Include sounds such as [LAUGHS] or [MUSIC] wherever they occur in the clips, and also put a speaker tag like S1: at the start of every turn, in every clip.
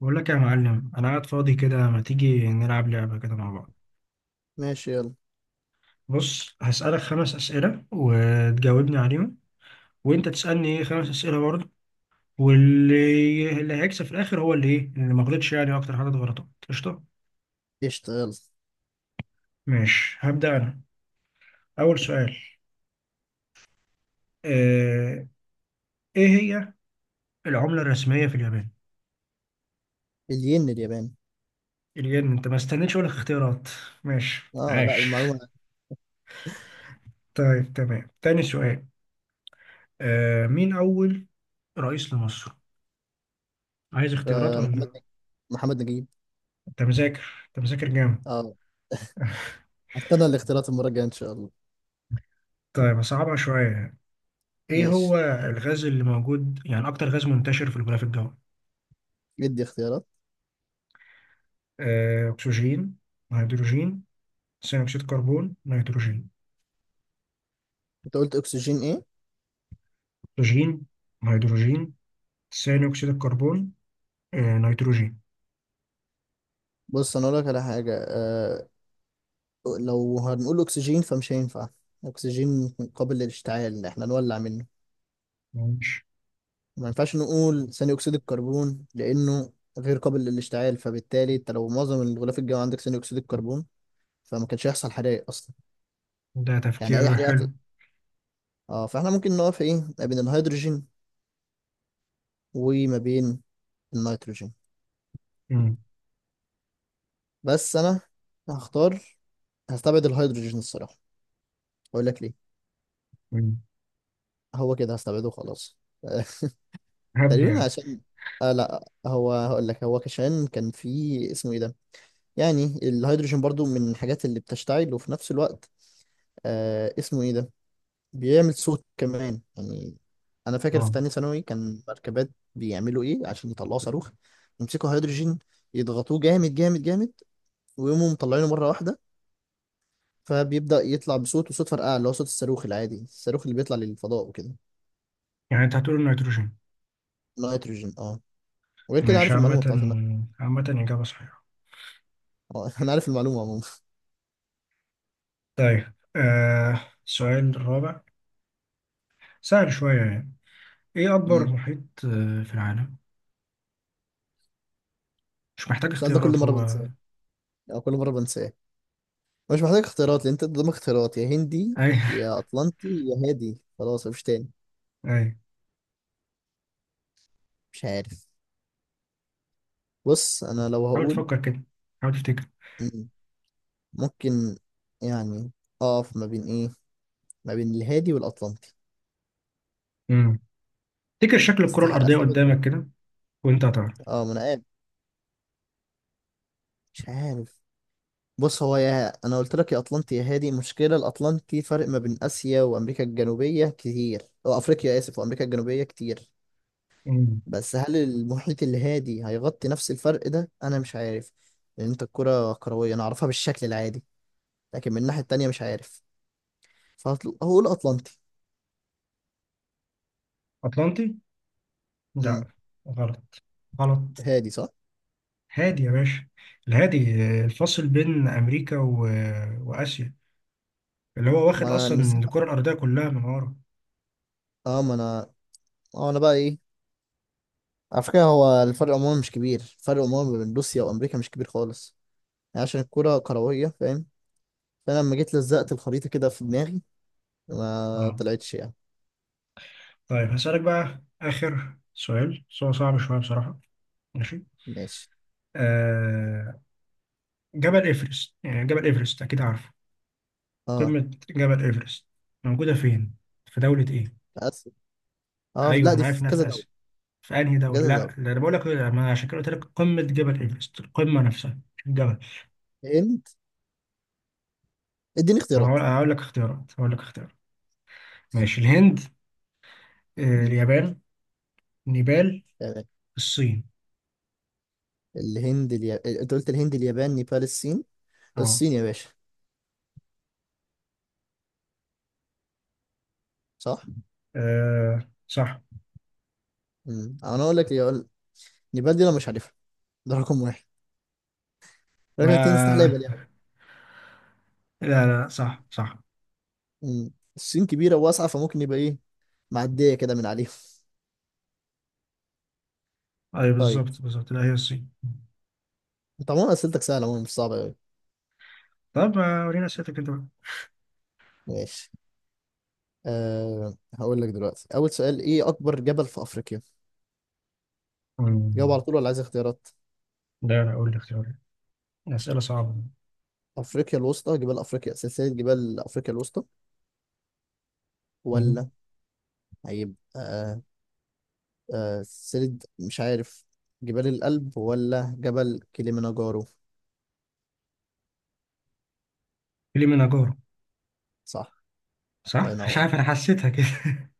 S1: بقول لك يا معلم، انا قاعد فاضي كده. ما تيجي نلعب لعبة كده مع بعض؟
S2: ماشي، يلا.
S1: بص، هسألك خمس أسئلة وتجاوبني عليهم، وانت تسألني ايه خمس أسئلة برضه. واللي هيكسب في الاخر هو اللي ايه، اللي ما غلطش يعني اكتر حاجة غلطات. قشطة،
S2: اشتغل.
S1: ماشي، هبدأ انا. اول سؤال. آه، ايه هي العملة الرسمية في اليابان؟
S2: الين الياباني.
S1: الين. انت ما استنيتش اقول لك اختيارات. ماشي،
S2: اه، لا
S1: عاش.
S2: المعلومة.
S1: [LAUGHS] طيب تمام، تاني سؤال. مين اول رئيس لمصر؟ عايز اختيارات
S2: محمد
S1: ولا؟
S2: نجيب، محمد نجيب.
S1: انت مذاكر، انت مذاكر جامد.
S2: اه.
S1: [LAUGHS]
S2: هستنى الاختيارات المرة الجاية ان شاء الله.
S1: طيب، صعبة شوية. ايه هو
S2: ماشي.
S1: الغاز اللي موجود يعني اكتر غاز منتشر في الغلاف الجوي؟
S2: ادي اختيارات.
S1: اكسجين، هيدروجين، ثاني اكسيد الكربون، نيتروجين.
S2: انت قلت اكسجين ايه؟
S1: اكسجين، هيدروجين، ثاني اكسيد الكربون، نيتروجين.
S2: بص، انا اقول لك على حاجة. لو هنقول اكسجين فمش هينفع. اكسجين قابل للاشتعال، احنا نولع منه.
S1: ماشي.
S2: ما ينفعش نقول ثاني اكسيد الكربون لانه غير قابل للاشتعال، فبالتالي انت لو معظم الغلاف الجوي عندك ثاني اكسيد الكربون فما كانش هيحصل حرائق اصلا،
S1: ده
S2: يعني اي
S1: تفكير حلو.
S2: حريقه. اه، فاحنا ممكن نقف ايه ما بين الهيدروجين وما بين النيتروجين.
S1: مم.
S2: بس انا هختار، هستبعد الهيدروجين الصراحة. اقول لك ليه.
S1: مم.
S2: هو كده، هستبعده خلاص. [LAUGHS] تقريبا
S1: يعني.
S2: عشان لا، هو هقول لك، هو عشان كان في اسمه ايه ده. يعني الهيدروجين برضو من الحاجات اللي بتشتعل، وفي نفس الوقت اسمه ايه ده، بيعمل صوت كمان يعني. انا فاكر في
S1: اه،
S2: تانية ثانوي كان مركبات بيعملوا ايه عشان يطلعوا صاروخ، يمسكوا هيدروجين، يضغطوه جامد جامد جامد ويقوموا مطلعينه مرة واحدة، فبيبدأ يطلع بصوت وصوت فرقعة اللي هو صوت الصاروخ العادي، الصاروخ اللي بيطلع للفضاء وكده.
S1: يعني انت هتقول نيتروجين؟
S2: نيتروجين، اه. وغير كده،
S1: ماشي،
S2: عارف
S1: عامة.
S2: المعلومة بتاعت
S1: عامة، إجابة صحيحة.
S2: اه. [LAUGHS] انا عارف المعلومة عموما.
S1: طيب، السؤال الرابع، سهل شوية يعني. ايه
S2: [LAUGHS]
S1: اكبر
S2: مم.
S1: محيط في العالم؟ مش محتاج
S2: السؤال ده
S1: اختيارات
S2: كل مرة
S1: هو.
S2: بنساه، او كل مرة بنساه. مش محتاج اختيارات، لان انت قدامك اختيارات: يا هندي،
S1: [LAUGHS] اي.
S2: يا اطلنطي، يا هادي، خلاص مفيش تاني.
S1: اي.
S2: مش عارف. بص، انا لو
S1: حاول
S2: هقول.
S1: تفكر كده، حاول تفتكر.
S2: مم. ممكن يعني اقف ما بين ايه، ما بين الهادي والاطلنطي.
S1: امم تفتكر شكل الكرة
S2: استحق
S1: الأرضية
S2: استبعد الهندي.
S1: قدامك كده وانت هتعرف.
S2: اه، ما انا قاعد، مش عارف. بص، هو يا انا قلت لك يا اطلنطي يا هادي. مشكله الاطلنطي فرق ما بين اسيا وامريكا الجنوبيه كتير، او افريقيا اسف وامريكا الجنوبيه كتير.
S1: امم
S2: بس هل المحيط الهادي هيغطي نفس الفرق ده؟ انا مش عارف، لان انت الكره كرويه، انا اعرفها بالشكل العادي، لكن من الناحيه التانيه مش عارف. فهقول اطلنطي.
S1: أطلنطي؟ لا،
S2: امم.
S1: غلط، غلط.
S2: هادي صح؟
S1: هادي يا باشا، الهادي. الفاصل بين أمريكا و... آه، وآسيا، اللي هو
S2: ما
S1: واخد
S2: انا
S1: أصلا
S2: المساحه،
S1: الكرة الأرضية كلها من ورا.
S2: اه ما انا، اه انا بقى ايه. على فكره هو الفرق عموما مش كبير، الفرق عموما ما بين روسيا وامريكا مش كبير خالص، يعني عشان الكره كرويه، فاهم؟ فانا لما جيت لزقت الخريطه كده في دماغي، ما
S1: اه،
S2: طلعتش يعني.
S1: طيب هسألك بقى آخر سؤال، سؤال صعب شوية بصراحة. ماشي.
S2: ماشي.
S1: آه... جبل إيفرست، يعني جبل إيفرست أكيد عارفه.
S2: اه،
S1: قمة جبل إيفرست موجودة فين؟ في دولة إيه؟
S2: اسف. اه، لا،
S1: أيوه
S2: دي
S1: أنا عارف
S2: في
S1: إنها
S2: كذا
S1: في
S2: دوله.
S1: آسيا، في أنهي
S2: في
S1: دولة؟
S2: كذا
S1: لأ،
S2: دوله.
S1: ده أنا بقول لك، لا، ما أنا عشان كده قلت لك قمة جبل إيفرست، القمة نفسها مش الجبل.
S2: الهند. اديني
S1: طب
S2: اختيارات.
S1: هقول لك اختيارات. ماشي، الهند،
S2: مم،
S1: اليابان، نيبال،
S2: تمام.
S1: الصين.
S2: الهند انت قلت الهند، اليابان، نيبال، الصين.
S1: أه.
S2: الصين يا باشا، صح.
S1: صح.
S2: مم. انا اقول لك نيبال دي انا مش عارفها، ده رقم واحد. رقم اتنين، استحاله يبقى
S1: ما،
S2: اليابان.
S1: لا لا، صح صح.
S2: مم. الصين كبيره وواسعه، فممكن يبقى ايه، معديه كده من عليهم. [LAUGHS]
S1: أيوه،
S2: طيب،
S1: بالظبط بالظبط، لا هي الصين.
S2: طبعا اسئلتك سهله عموماً، مش صعبه قوي.
S1: طب ما ورينا أسئلتك أنت بقى.
S2: ماشي. أه، هقول لك دلوقتي: أول سؤال، إيه أكبر جبل في أفريقيا؟ جاوب
S1: مم.
S2: على طول ولا عايز اختيارات؟
S1: لا لا، قول لي اختيارات، أسئلة صعبة.
S2: افريقيا الوسطى، جبال افريقيا، سلسله جبال افريقيا الوسطى،
S1: مم.
S2: ولا هيبقى سلسله مش عارف، جبال القلب، ولا جبل كليمنجارو؟
S1: كليمنجارو.
S2: صح. الله
S1: صح. مش
S2: ينور.
S1: عارف، انا حسيتها كده. [LAUGHS]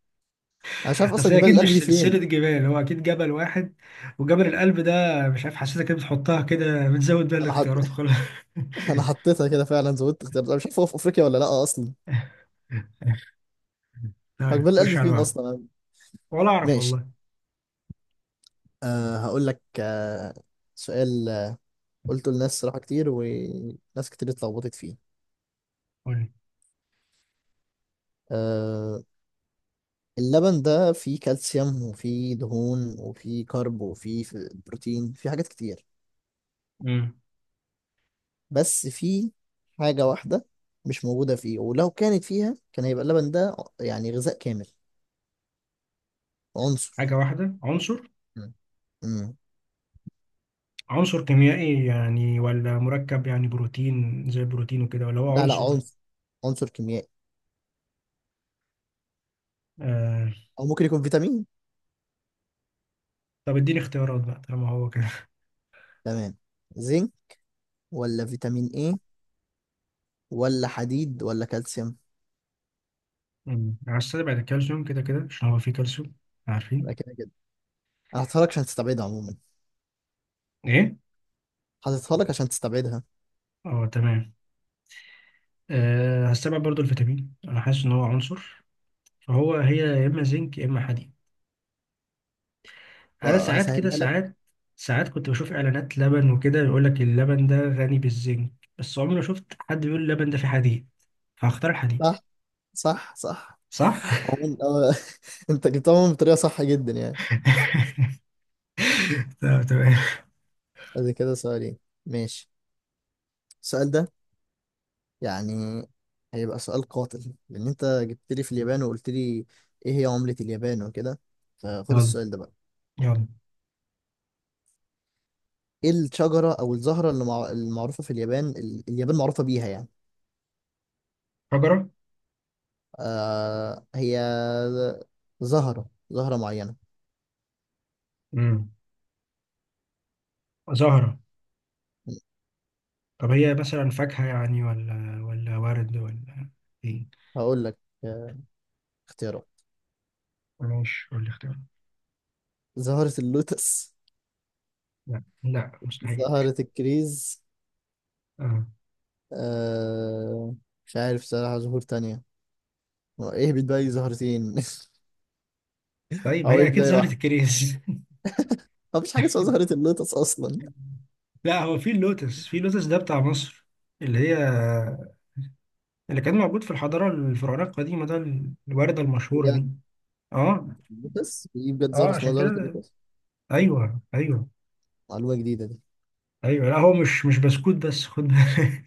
S2: انا مش عارف اصلا
S1: اصل هي
S2: جبال
S1: اكيد
S2: القلب
S1: مش
S2: دي
S1: سلسله
S2: فين.
S1: جبال، هو اكيد جبل واحد. وجبل القلب ده مش عارف، حسيتها كده، بتحطها كده بتزود بقى
S2: انا حط...
S1: الاختيارات وخلاص.
S2: [LAUGHS] انا حطيتها كده فعلا، زودت اختيارات، انا مش عارف هو في افريقيا ولا لا اصلا.
S1: [LAUGHS]
S2: هو
S1: طيب
S2: جبال القلب
S1: خش على
S2: فين
S1: بعض.
S2: اصلا؟
S1: ولا اعرف
S2: ماشي.
S1: والله.
S2: هقول لك سؤال قلته لناس صراحه كتير، وناس كتير اتلخبطت فيه.
S1: قول لي.
S2: آه، اللبن ده فيه كالسيوم، وفيه دهون، وفيه كارب، وفيه بروتين، فيه حاجات كتير.
S1: مم.
S2: بس فيه حاجة واحدة مش موجودة فيه، ولو كانت فيها كان هيبقى اللبن ده يعني غذاء كامل. عنصر.
S1: حاجه واحده، عنصر.
S2: مم. مم.
S1: عنصر كيميائي يعني، ولا مركب يعني بروتين زي البروتين وكده، ولا هو
S2: لا، لا،
S1: عنصر؟
S2: عنصر، عنصر كيميائي.
S1: آه...
S2: أو ممكن يكون فيتامين.
S1: طب اديني اختيارات بقى طالما هو كده.
S2: تمام. زنك، ولا فيتامين ايه، ولا حديد، ولا كالسيوم.
S1: مم. هستبعد الكالسيوم كده كده، عشان هو فيه كالسيوم،
S2: يبقى
S1: عارفين.
S2: كده كده أنا هحطها لك عشان تستبعدها عموما،
S1: ايه؟
S2: هحطها لك عشان تستبعدها،
S1: اه تمام. أه، هستبعد برضو الفيتامين، انا حاسس ان هو عنصر. فهو هي يا اما زنك يا اما حديد. انا ساعات كده،
S2: وهسهلها لك.
S1: ساعات كنت بشوف اعلانات لبن وكده يقول لك اللبن ده غني بالزنك، بس عمري ما شفت حد بيقول اللبن ده فيه حديد. فهختار الحديد.
S2: صح، صح، صح.
S1: صح.
S2: عموما اه. [LAUGHS] انت جبتهم بطريقة صح جدا يعني.
S1: [LAUGHS] طب تمام.
S2: ادي كده سؤالين. ماشي. السؤال ده يعني هيبقى سؤال قاتل، لان انت جبت لي في اليابان وقلت لي ايه هي عملة اليابان وكده. فخد
S1: يلا،
S2: السؤال ده بقى:
S1: يلا.
S2: ايه الشجرة او الزهرة اللي المعروفة في اليابان، اليابان معروفة بيها يعني؟
S1: شجرة؟
S2: آه، هي زهرة، زهرة معينة.
S1: امم زهرة. طب هي مثلا فاكهة يعني، ولا ورد ولا ايه؟
S2: هقول لك آه، اختيارات:
S1: ماشي، قول لي اختيار.
S2: زهرة اللوتس،
S1: لا لا، مستحيل.
S2: زهرة الكريز.
S1: اه.
S2: آه... مش عارف صراحة زهور تانية. هو ايه بداية زهرتين؟ [LAUGHS]
S1: طيب ما
S2: او
S1: هي
S2: ايه
S1: اكيد
S2: بداية
S1: زهرة
S2: واحدة؟
S1: الكريز.
S2: مفيش حاجة اسمها زهرة اللوتس اصلا.
S1: لا هو في اللوتس، ده بتاع مصر، اللي هي اللي كان موجود في الحضارة الفرعونية القديمة ده، الوردة المشهورة دي.
S2: بجد؟
S1: اه.
S2: اللوتس في بجد
S1: اه،
S2: زهرة اسمها
S1: عشان
S2: زهرة
S1: كده
S2: اللوتس؟
S1: ايوه ايوه.
S2: معلومة جديدة دي.
S1: ايوه، لا هو مش بسكوت بس، خد بالك.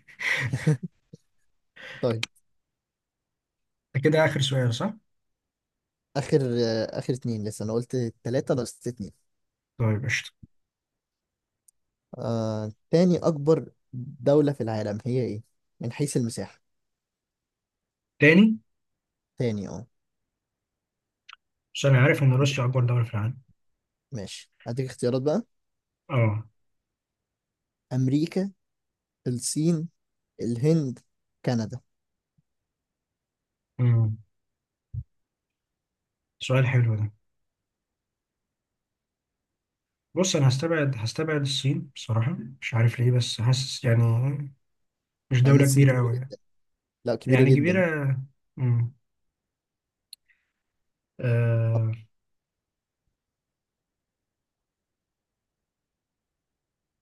S2: [LAUGHS] طيب.
S1: [LAUGHS] ده كده اخر سؤال صح؟
S2: اخر اخر اتنين لسه. انا قلت تلاتة، انا قلت اتنين.
S1: طيب قشطة.
S2: تاني اكبر دولة في العالم هي ايه، من حيث المساحة؟
S1: تاني؟
S2: تاني، اه.
S1: بس انا عارف ان روسيا اكبر دولة في العالم.
S2: ماشي، هديك اختيارات بقى:
S1: اه.
S2: امريكا، الصين، الهند، كندا.
S1: امم. سؤال حلو ده. بص، انا هستبعد الصين بصراحة، مش عارف ليه بس حاسس يعني مش
S2: مع ان
S1: دولة
S2: الصين
S1: كبيرة
S2: كبيرة
S1: قوي يعني.
S2: جدا، لا كبيرة
S1: يعني
S2: جدا.
S1: كبيرة. امم. آه،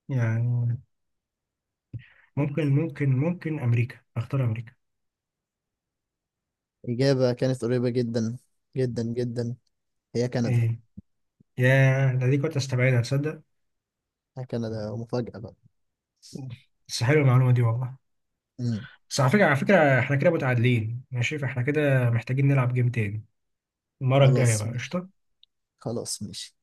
S1: يعني، ممكن امريكا. اختار امريكا.
S2: إجابة كانت قريبة جدا، جدا جدا. هي كندا.
S1: ايه؟ يا ده، دي كنت استبعدها تصدق.
S2: كندا مفاجأة بقى.
S1: بس حلوه المعلومه دي والله.
S2: امم.
S1: بس على فكره، على فكره احنا كده متعادلين، ماشي، فاحنا كده محتاجين نلعب جيم تاني المره الجايه
S2: خلاص.
S1: بقى. قشطه.
S2: خلاص، ماشي.